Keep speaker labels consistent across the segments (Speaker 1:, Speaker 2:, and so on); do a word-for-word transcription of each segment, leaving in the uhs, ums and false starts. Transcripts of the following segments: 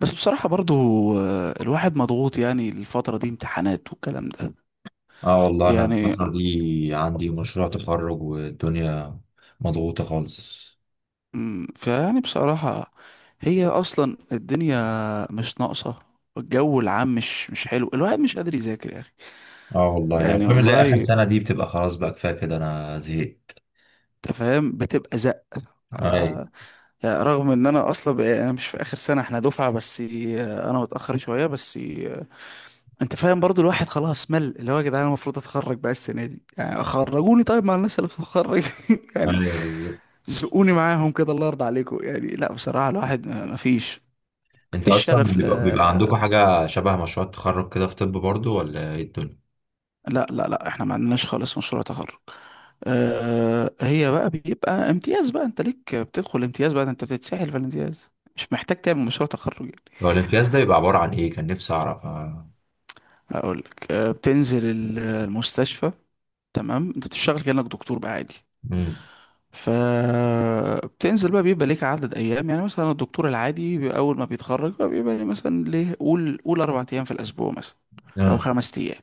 Speaker 1: بس بصراحة برضو، آه، الواحد مضغوط، يعني الفترة دي امتحانات والكلام ده،
Speaker 2: اه والله انا
Speaker 1: يعني.
Speaker 2: الفترة دي عندي مشروع تخرج والدنيا مضغوطة خالص.
Speaker 1: مم، فيعني بصراحة، هي أصلا الدنيا مش ناقصة. الجو العام مش مش حلو، الواحد مش قادر يذاكر يا أخي.
Speaker 2: اه والله يا
Speaker 1: يعني
Speaker 2: بتعمل اللي هي اخر
Speaker 1: والله،
Speaker 2: سنة دي بتبقى خلاص بقى كفاية كده انا زهقت.
Speaker 1: أنت فاهم بتبقى زق.
Speaker 2: اي
Speaker 1: آه، يعني رغم إن أنا أصلا بقى- أنا مش في آخر سنة، إحنا دفعة بس، آه، أنا متأخر شوية بس، آه، أنت فاهم برضو. الواحد خلاص مل، اللي هو يا جدعان أنا المفروض أتخرج بقى السنة دي، يعني خرجوني طيب مع الناس اللي بتتخرج. يعني
Speaker 2: اي بالظبط.
Speaker 1: زقوني معاهم كده، الله يرضى عليكم. يعني لا بصراحة، الواحد ما ما فيش،
Speaker 2: انت
Speaker 1: مفيش
Speaker 2: اصلا
Speaker 1: شغف ل...
Speaker 2: بيبقى, بيبقى عندكم حاجة شبه مشروع التخرج كده في طب برضو ولا ايه الدنيا؟
Speaker 1: لا لا لا، احنا ما عندناش خالص مشروع تخرج. أه، هي بقى بيبقى امتياز بقى، انت ليك بتدخل امتياز بقى، ده انت بتتسحل في الامتياز. مش محتاج تعمل مشروع تخرج يعني.
Speaker 2: هو الامتياز ده بيبقى عبارة عن ايه؟ كان نفسي اعرف.
Speaker 1: هقول لك: أه بتنزل ال- المستشفى، تمام؟ انت بتشتغل كأنك دكتور بقى عادي.
Speaker 2: امم
Speaker 1: فبتنزل بقى، بيبقى ليك عدد ايام، يعني مثلا الدكتور العادي بي- اول ما بيتخرج بقى بيبقى ليه مثلا ليه، قول قول اربع ايام في الاسبوع مثلا، او
Speaker 2: اه
Speaker 1: خمس ايام.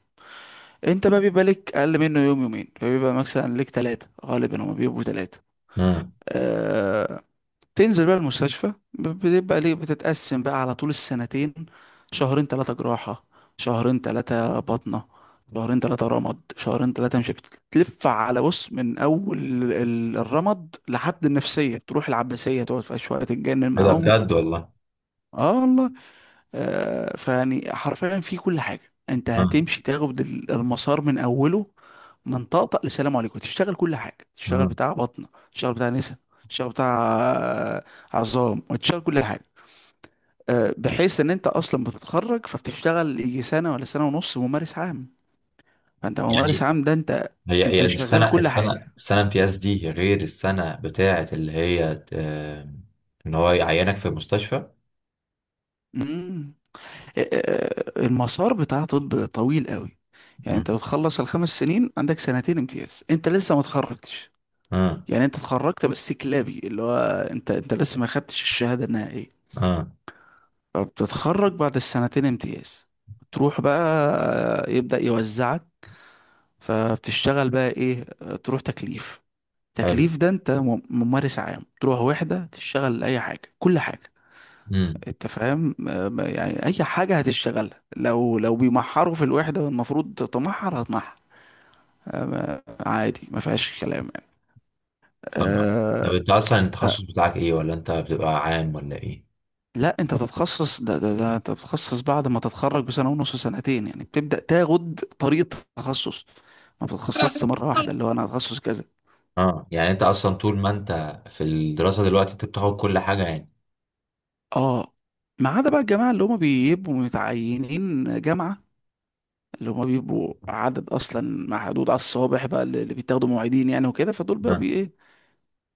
Speaker 1: انت بقى بيبقى لك اقل منه يوم يومين، فبيبقى مثلا لك ثلاثة. غالبا هما بيبقوا ثلاثة.
Speaker 2: امم
Speaker 1: أه... تنزل بقى المستشفى. ب- بتبقى ليه بتتقسم بقى على طول السنتين، شهرين ثلاثة جراحة، شهرين ثلاثة بطنة، شهرين ثلاثة رمد، شهرين ثلاثة. مش بتلف على بص من أول ال- الرمد لحد النفسية، تروح العباسية تقعد فيها شوية تتجنن
Speaker 2: ايه ده
Speaker 1: معاهم
Speaker 2: بجد
Speaker 1: وت...
Speaker 2: والله؟
Speaker 1: اه والله. آه، فيعني حرفيا في كل حاجة، انت
Speaker 2: اه
Speaker 1: هتمشي تاخد ال- المسار من اوله، من طقطق لسلام عليكم. تشتغل كل حاجة، تشتغل
Speaker 2: اه
Speaker 1: بتاع بطنة، تشتغل بتاع نسا، تشتغل بتاع، آه، عظام، وتشتغل كل حاجة. آه، بحيث ان انت اصلا بتتخرج فبتشتغل يجي سنة ولا سنة ونص ممارس عام. فانت ممارس
Speaker 2: يعني
Speaker 1: عام، ده انت،
Speaker 2: هي هي
Speaker 1: انت شغال
Speaker 2: السنة
Speaker 1: كل
Speaker 2: السنة
Speaker 1: حاجة.
Speaker 2: السنة امتياز دي غير السنة بتاعة اللي هي ت- آه، إن هو يعينك في المستشفى.
Speaker 1: مم. آه، آه، المسار بتاع طب طويل قوي. يعني
Speaker 2: مم.
Speaker 1: انت بتخلص الخمس سنين، عندك سنتين امتياز، انت لسه ما اتخرجتش.
Speaker 2: اه
Speaker 1: يعني انت اتخرجت بس كلابي، اللي هو انت، انت لسه ما خدتش الشهادة النهائية.
Speaker 2: اه
Speaker 1: فبتتخرج بعد السنتين امتياز، تروح بقى يبدأ يوزعك. فبتشتغل بقى ايه؟ تروح تكليف.
Speaker 2: حلو.
Speaker 1: تكليف ده انت مم- ممارس عام، تروح وحدة تشتغل اي حاجة كل حاجة.
Speaker 2: مم.
Speaker 1: انت فاهم. اه، ما- يعني اي حاجة هتشتغلها، لو لو بيمحروا في الوحدة والمفروض تمحر هتمحر. اه، ما- عادي، ما فيهاش كلام يعني.
Speaker 2: طبعا. طب
Speaker 1: آه،
Speaker 2: انت اصلا التخصص بتاعك ايه، ولا انت بتبقى عام ولا ايه؟
Speaker 1: لا انت بتتخصص. ده ده ده انت بتتخصص بعد ما تتخرج بسنه ونص سنتين، يعني بتبدا تاخد طريقه تخصص. ما بتتخصصش مره واحده اللي هو انا هتخصص كذا.
Speaker 2: اه يعني انت اصلا طول ما انت في الدراسة دلوقتي انت بتاخد كل حاجة يعني.
Speaker 1: اه، ما عدا بقى الجماعه اللي هم بيبقوا متعينين جامعه، اللي هم بيبقوا عدد اصلا محدود على الصوابع بقى، اللي اللي بيتاخدوا معيدين يعني وكده. فدول بقى بي ايه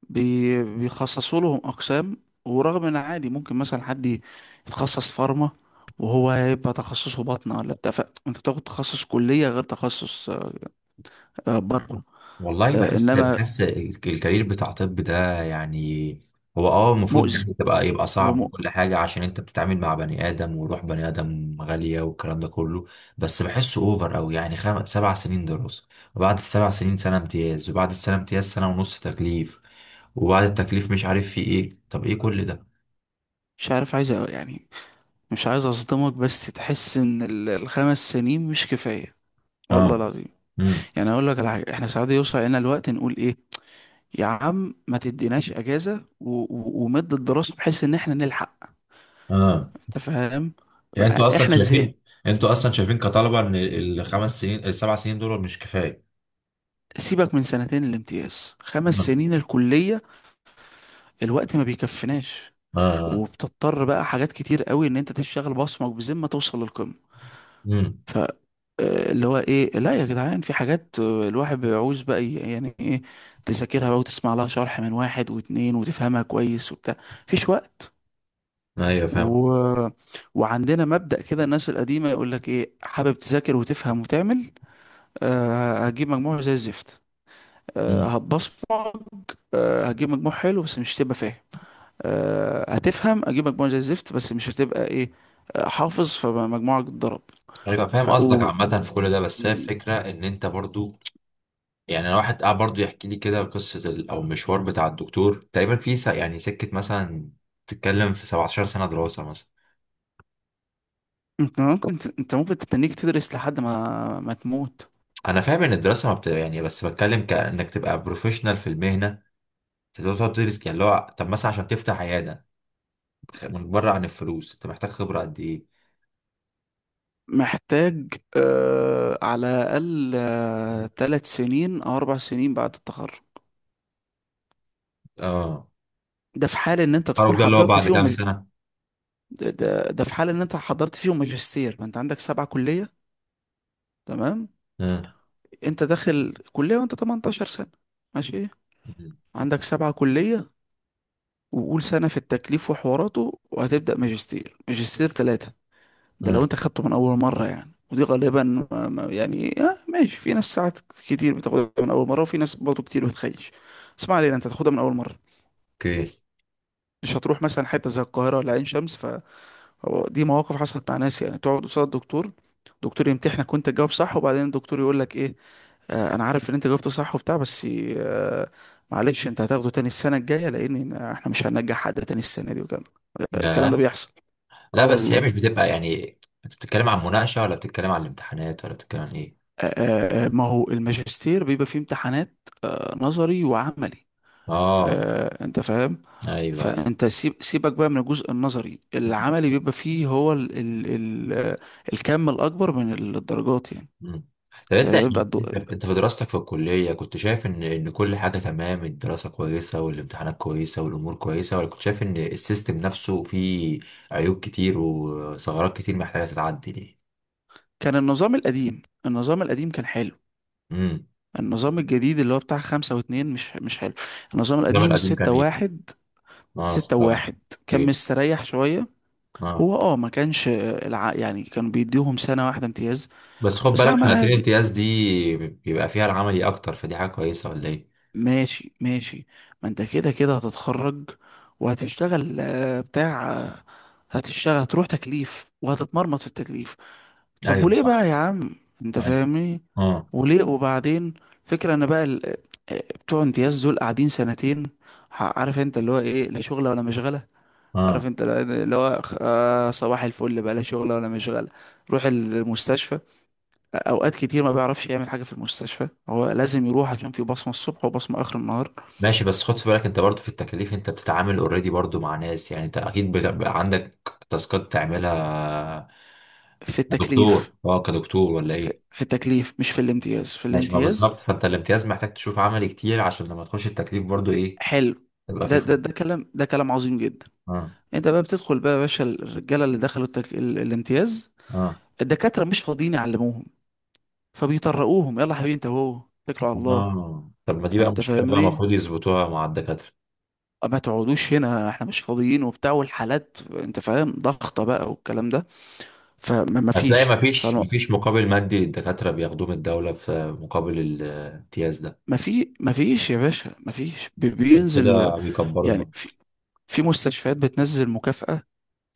Speaker 1: بي بيخصصوا لهم اقسام. ورغم ان عادي ممكن مثلا حد يتخصص فارما وهو هيبقى تخصصه بطنه ولا بتاع ف- انت بتاخد تخصص كليه غير تخصص، آه، بره.
Speaker 2: والله
Speaker 1: آه،
Speaker 2: بحس
Speaker 1: انما
Speaker 2: بحس الكارير بتاع طب ده يعني هو اه المفروض
Speaker 1: مؤذي.
Speaker 2: يعني تبقى يبقى
Speaker 1: هو
Speaker 2: صعب
Speaker 1: مؤ...
Speaker 2: وكل حاجة عشان انت بتتعامل مع بني آدم وروح بني آدم غالية والكلام ده كله. بس بحسه اوفر اوي يعني خم... سبع سنين دراسة، وبعد السبع سنين سنة امتياز، وبعد السنة امتياز سنة ونص تكليف، وبعد التكليف مش عارف في ايه. طب ايه كل ده؟
Speaker 1: مش عارف، عايز أ- يعني، مش عايز اصدمك بس تحس ان ال- الخمس سنين مش كفايه، والله
Speaker 2: اه
Speaker 1: العظيم.
Speaker 2: امم
Speaker 1: يعني اقول لك على حاجه، احنا ساعات يوصل لنا الوقت نقول ايه؟ يا عم ما تديناش اجازه و... و... ومد الدراسه بحيث ان احنا نلحق.
Speaker 2: اه.
Speaker 1: انت فاهم،
Speaker 2: يعني
Speaker 1: بقى
Speaker 2: انتوا اصلا
Speaker 1: احنا زهق.
Speaker 2: شايفين، انتوا اصلا شايفين كطلبة ان الخمس سنين السبع سنين دول مش كفاية؟
Speaker 1: سيبك من سنتين الامتياز، خمس
Speaker 2: اه
Speaker 1: سنين الكليه الوقت ما بيكفناش،
Speaker 2: اه
Speaker 1: وبتضطر بقى حاجات كتير قوي ان انت تشتغل بصمك بذمه توصل للقمه.
Speaker 2: امم
Speaker 1: آه، اللي هو ايه، لا يا جدعان، في حاجات، آه، الواحد بيعوز بقى ي- يعني ايه، تذاكرها بقى وتسمع لها شرح من واحد واتنين وتفهمها كويس وبتاع. مفيش وقت.
Speaker 2: ايوه فاهم.
Speaker 1: و... وعندنا مبدأ كده الناس القديمة، يقول لك ايه، حابب تذاكر وتفهم وتعمل؟ أه هتجيب مجموع زي الزفت. أه
Speaker 2: مم.
Speaker 1: هتبصمج، أه هتجيب مجموع حلو بس مش هتبقى فاهم. أه هتفهم هتجيب مجموع زي الزفت بس مش هتبقى ايه، آه، حافظ، فمجموعك اتضرب.
Speaker 2: ايوه فاهم
Speaker 1: ف...
Speaker 2: قصدك
Speaker 1: و...
Speaker 2: عامة في كل ده، بس هي الفكرة ان انت برضو يعني انا واحد قاعد برضو يحكي لي كده قصة ال- او مشوار بتاع الدكتور تقريبا في س- يعني سكة مثلا تتكلم في سبعة عشر سنة دراسة مثلا.
Speaker 1: انت ممكن انت ممكن تتنيك تدرس لحد ما ما تموت.
Speaker 2: انا فاهم ان الدراسة ما بت... يعني، بس بتكلم كانك تبقى بروفيشنال في المهنة تقدر تقعد تدرس يعني اللي هو طب مثلا عشان تفتح عيادة. خ- من بره عن الفلوس انت محتاج خبرة قد ايه؟
Speaker 1: محتاج آه على الأقل آه تلات سنين أو أربع سنين بعد التخرج.
Speaker 2: اه
Speaker 1: ده في حال إن أنت تكون
Speaker 2: التخرج ده اللي هو
Speaker 1: حضرت
Speaker 2: بعد
Speaker 1: فيهم
Speaker 2: كام
Speaker 1: مج...
Speaker 2: سنة؟
Speaker 1: ده, ده ده في حال إن أنت حضرت فيهم ماجستير. ما أنت عندك سبعة كلية، تمام؟
Speaker 2: اه
Speaker 1: أنت داخل كلية وأنت تمنتاشر سنة، ماشي؟ عندك سبعة كلية، وقول سنة في التكليف وحواراته، وهتبدأ ماجستير. ماجستير تلاتة، ده لو
Speaker 2: اه
Speaker 1: انت خدته من اول مره. يعني ودي غالبا ما- ما- يعني آه ماشي، في ناس ساعات كتير بتاخدها من اول مره، وفي ناس برضه كتير بتخيش. اسمع علينا، انت تاخدها من اول مره،
Speaker 2: اوكي.
Speaker 1: مش هتروح مثلا حته زي القاهره ولا عين شمس. ف هو دي مواقف حصلت مع ناس. يعني تقعد قصاد الدكتور، الدكتور يمتحنك وانت تجاوب صح، وبعدين الدكتور يقول لك ايه، آه انا عارف ان انت جاوبت صح وبتاع، بس آه، معلش انت هتاخده تاني السنه الجايه، لان احنا مش هننجح حد تاني السنه دي وكده. الكلام ده
Speaker 2: لا
Speaker 1: بيحصل،
Speaker 2: لا،
Speaker 1: اه
Speaker 2: بس هي
Speaker 1: والله.
Speaker 2: مش بتبقى يعني، انت بتتكلم عن مناقشة ولا بتتكلم عن الامتحانات ولا بتتكلم عن ايه؟
Speaker 1: آه، ما هو الماجستير بيبقى فيه امتحانات، آه، نظري وعملي،
Speaker 2: اه
Speaker 1: آه، انت فاهم.
Speaker 2: ايوه ايوه.
Speaker 1: فانت سيب سيبك بقى من الجزء النظري، العملي بيبقى فيه هو ال ال ال آه، الكم الاكبر من الدرجات يعني.
Speaker 2: مم. طب انت
Speaker 1: آه، بيبقى
Speaker 2: يعني،
Speaker 1: الدو-
Speaker 2: انت في دراستك في الكلية كنت شايف ان ان كل حاجة تمام، الدراسة كويسة والامتحانات كويسة والامور كويسة، ولا كنت شايف ان السيستم نفسه فيه عيوب كتير وثغرات كتير محتاجة تتعدل ايه؟
Speaker 1: كان النظام القديم، النظام القديم كان حلو.
Speaker 2: امم.
Speaker 1: النظام الجديد اللي هو بتاع خمسة واتنين مش مش حلو. النظام
Speaker 2: الزمن
Speaker 1: القديم
Speaker 2: القديم كان
Speaker 1: الستة
Speaker 2: ايه؟
Speaker 1: واحد،
Speaker 2: اه
Speaker 1: ستة
Speaker 2: الصراحة.
Speaker 1: واحد كان
Speaker 2: اوكي.
Speaker 1: مستريح شوية.
Speaker 2: اه
Speaker 1: هو اه ما كانش، آه، الع... يعني كانوا بيديهم سنة واحدة امتياز.
Speaker 2: بس خد
Speaker 1: بس يا
Speaker 2: بالك
Speaker 1: عم
Speaker 2: سنتين
Speaker 1: عادي،
Speaker 2: الامتياز دي بيبقى فيها العملي اكتر فدي حاجة كويسة ولا ايه؟
Speaker 1: ماشي ماشي، ما انت كده كده هتتخرج، وهتشتغل آه، بتاع، آه، هتشتغل، هتروح تكليف وهتتمرمط في التكليف. طب
Speaker 2: ايوه
Speaker 1: وليه
Speaker 2: صح.
Speaker 1: بقى يا عم، انت
Speaker 2: أيوه.
Speaker 1: فاهمني؟
Speaker 2: اه
Speaker 1: وليه وبعدين؟ فكرة انا بقى ال- آه، بتوع امتياز دول قاعدين سنتين، ح- عارف انت اللي هو ايه، لا شغلة ولا مشغلة. عارف
Speaker 2: اه
Speaker 1: انت اللي هو، آه، صباح الفل بقى، لا شغلة ولا مشغلة. روح المستشفى، اوقات كتير ما بيعرفش يعمل حاجة في المستشفى، هو لازم يروح عشان في بصمة الصبح وبصمة اخر النهار.
Speaker 2: ماشي، بس خد في بالك انت برضو في التكاليف انت بتتعامل اوريدي برضو مع ناس، يعني انت اكيد بتبقى عندك تاسكات تعملها
Speaker 1: في
Speaker 2: كدكتور،
Speaker 1: التكليف.
Speaker 2: اه كدكتور ولا ايه؟
Speaker 1: في التكليف مش في الامتياز. في
Speaker 2: ماشي، ما
Speaker 1: الامتياز
Speaker 2: بالظبط، فانت الامتياز محتاج تشوف عملي كتير عشان لما تخش التكليف برضو ايه
Speaker 1: حلو،
Speaker 2: تبقى فيه
Speaker 1: ده
Speaker 2: خ-
Speaker 1: ده ده كلام، ده كلام عظيم جدا.
Speaker 2: اه
Speaker 1: انت بقى بتدخل بقى يا باشا، الرجاله اللي دخلوا التك... ال- الامتياز،
Speaker 2: اه
Speaker 1: الدكاتره مش فاضيين يعلموهم. فبيطرقوهم يلا يا حبيبي انت اهو، اتكلوا على الله.
Speaker 2: اه. طب ما دي بقى
Speaker 1: انت
Speaker 2: مشكلة بقى
Speaker 1: فاهمني.
Speaker 2: المفروض يظبطوها مع الدكاترة.
Speaker 1: آه، ما تقعدوش هنا، احنا مش فاضيين وبتاع، والحالات انت فاهم ضغطه بقى والكلام ده، فما ما
Speaker 2: هتلاقي
Speaker 1: فيش
Speaker 2: مفيش
Speaker 1: فما
Speaker 2: مفيش مقابل مادي للدكاترة بياخدوه من الدولة في مقابل الامتياز ده،
Speaker 1: ما في ما فيش يا باشا، ما فيش بي-
Speaker 2: عشان
Speaker 1: بينزل
Speaker 2: كده بيكبروا
Speaker 1: يعني.
Speaker 2: دماغهم.
Speaker 1: في في مستشفيات بتنزل مكافأة،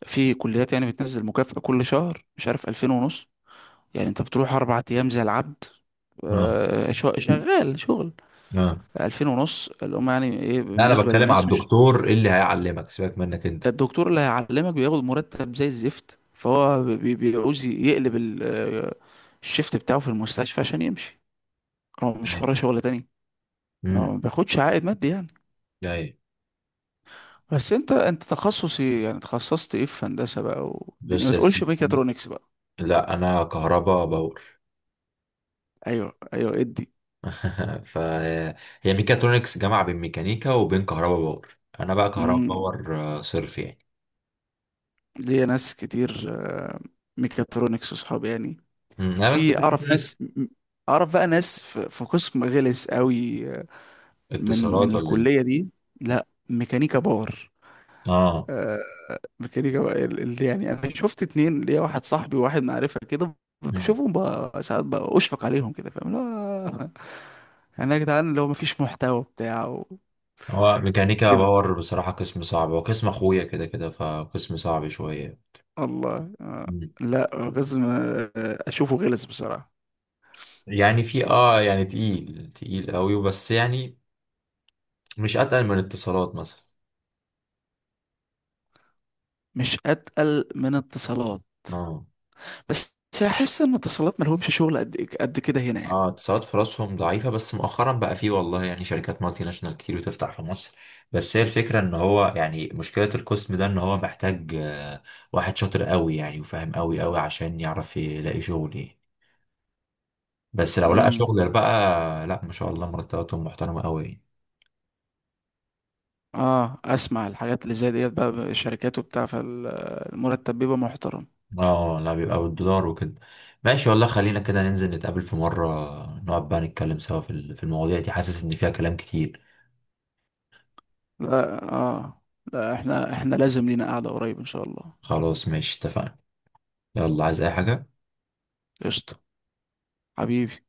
Speaker 1: في كليات يعني بتنزل مكافأة كل شهر، مش عارف ألفين ونص يعني. أنت بتروح أربع أيام زي العبد،
Speaker 2: اه
Speaker 1: آه، شو- شغال شغل.
Speaker 2: اه
Speaker 1: ألفين ونص اللي هم يعني إيه
Speaker 2: لا، انا
Speaker 1: بالنسبة
Speaker 2: بتكلم على
Speaker 1: للناس، مش.
Speaker 2: الدكتور اللي هيعلمك سيبك منك انت.
Speaker 1: الدكتور اللي هيعلمك بياخد مرتب زي الزفت، فهو بي- بيعوز يقلب ال- آه، الشيفت بتاعه في المستشفى عشان يمشي، هو مش
Speaker 2: ايوه
Speaker 1: وراه شغل تاني. هو
Speaker 2: امم
Speaker 1: ما بياخدش عائد مادي يعني.
Speaker 2: ايوه.
Speaker 1: بس انت انت تخصص ايه يعني؟ تخصصت ايه في هندسة بقى، والدنيا، ما
Speaker 2: بص يا
Speaker 1: تقولش
Speaker 2: سيدي،
Speaker 1: ميكاترونكس بقى.
Speaker 2: لا انا كهربا باور.
Speaker 1: ايوه ايوه.
Speaker 2: فهي ميكاترونكس جامعه بين ميكانيكا وبين كهربا باور، انا بقى كهربا
Speaker 1: ادي،
Speaker 2: باور آه، صرف يعني.
Speaker 1: ليا ناس كتير، آه، ميكاترونكس وصحابي يعني.
Speaker 2: امم انا كنت
Speaker 1: وفي اعرف
Speaker 2: ميكاترونكس.
Speaker 1: ناس م- اعرف بقى ناس في في قسم غلس قوي، آه، من من
Speaker 2: اتصالات ولا ايه؟
Speaker 1: الكلية دي. لا، ميكانيكا باور،
Speaker 2: اه.
Speaker 1: آه، ميكانيكا بقى ال- ال- يعني انا شفت اتنين، ليا واحد صاحبي وواحد معرفة كده،
Speaker 2: مم.
Speaker 1: بشوفهم بقى ساعات بقى اشفق عليهم كده، فاهم؟ لا يعني يا جدعان اللي هو مفيش محتوى بتاع
Speaker 2: هو ميكانيكا
Speaker 1: وكده.
Speaker 2: باور بصراحه قسم صعب، هو قسم اخويا كده كده فقسم صعب شويه.
Speaker 1: الله، آه،
Speaker 2: مم.
Speaker 1: لا، قسم، آه، اشوفه غلس بصراحة.
Speaker 2: يعني في اه يعني تقيل تقيل قوي بس يعني مش اتقل من اتصالات مثلا.
Speaker 1: مش اتقل من اتصالات،
Speaker 2: اه
Speaker 1: بس احس ان اتصالات ملهمش شغل قد قد كده هنا يعني.
Speaker 2: اه اتصالات في راسهم ضعيفة، بس مؤخرا بقى فيه والله يعني شركات مالتي ناشونال كتير بتفتح في مصر. بس هي الفكرة ان هو يعني مشكلة القسم ده ان هو محتاج آه، واحد شاطر قوي يعني وفاهم قوي قوي عشان يعرف يلاقي شغل يعني. بس لو لقى بالظبط
Speaker 1: امم.
Speaker 2: شغل بقى لا ما شاء الله مرتباتهم محترمة قوي يعني.
Speaker 1: اه، اسمع الحاجات اللي زي ديت بقى، شركات وبتاع، فالمرتب بيبقى محترم.
Speaker 2: اه لا بيبقى بالدولار وكده. ماشي والله، خلينا كده ننزل نتقابل في مرة، نقعد بقى نتكلم سوا في ال- في المواضيع دي، حاسس ان فيها كلام كتير.
Speaker 1: لا اه، لا احنا احنا لازم لينا قعدة قريب ان شاء الله.
Speaker 2: خلاص ماشي اتفقنا. يلا عايز اي حاجة؟
Speaker 1: قشطة حبيبي.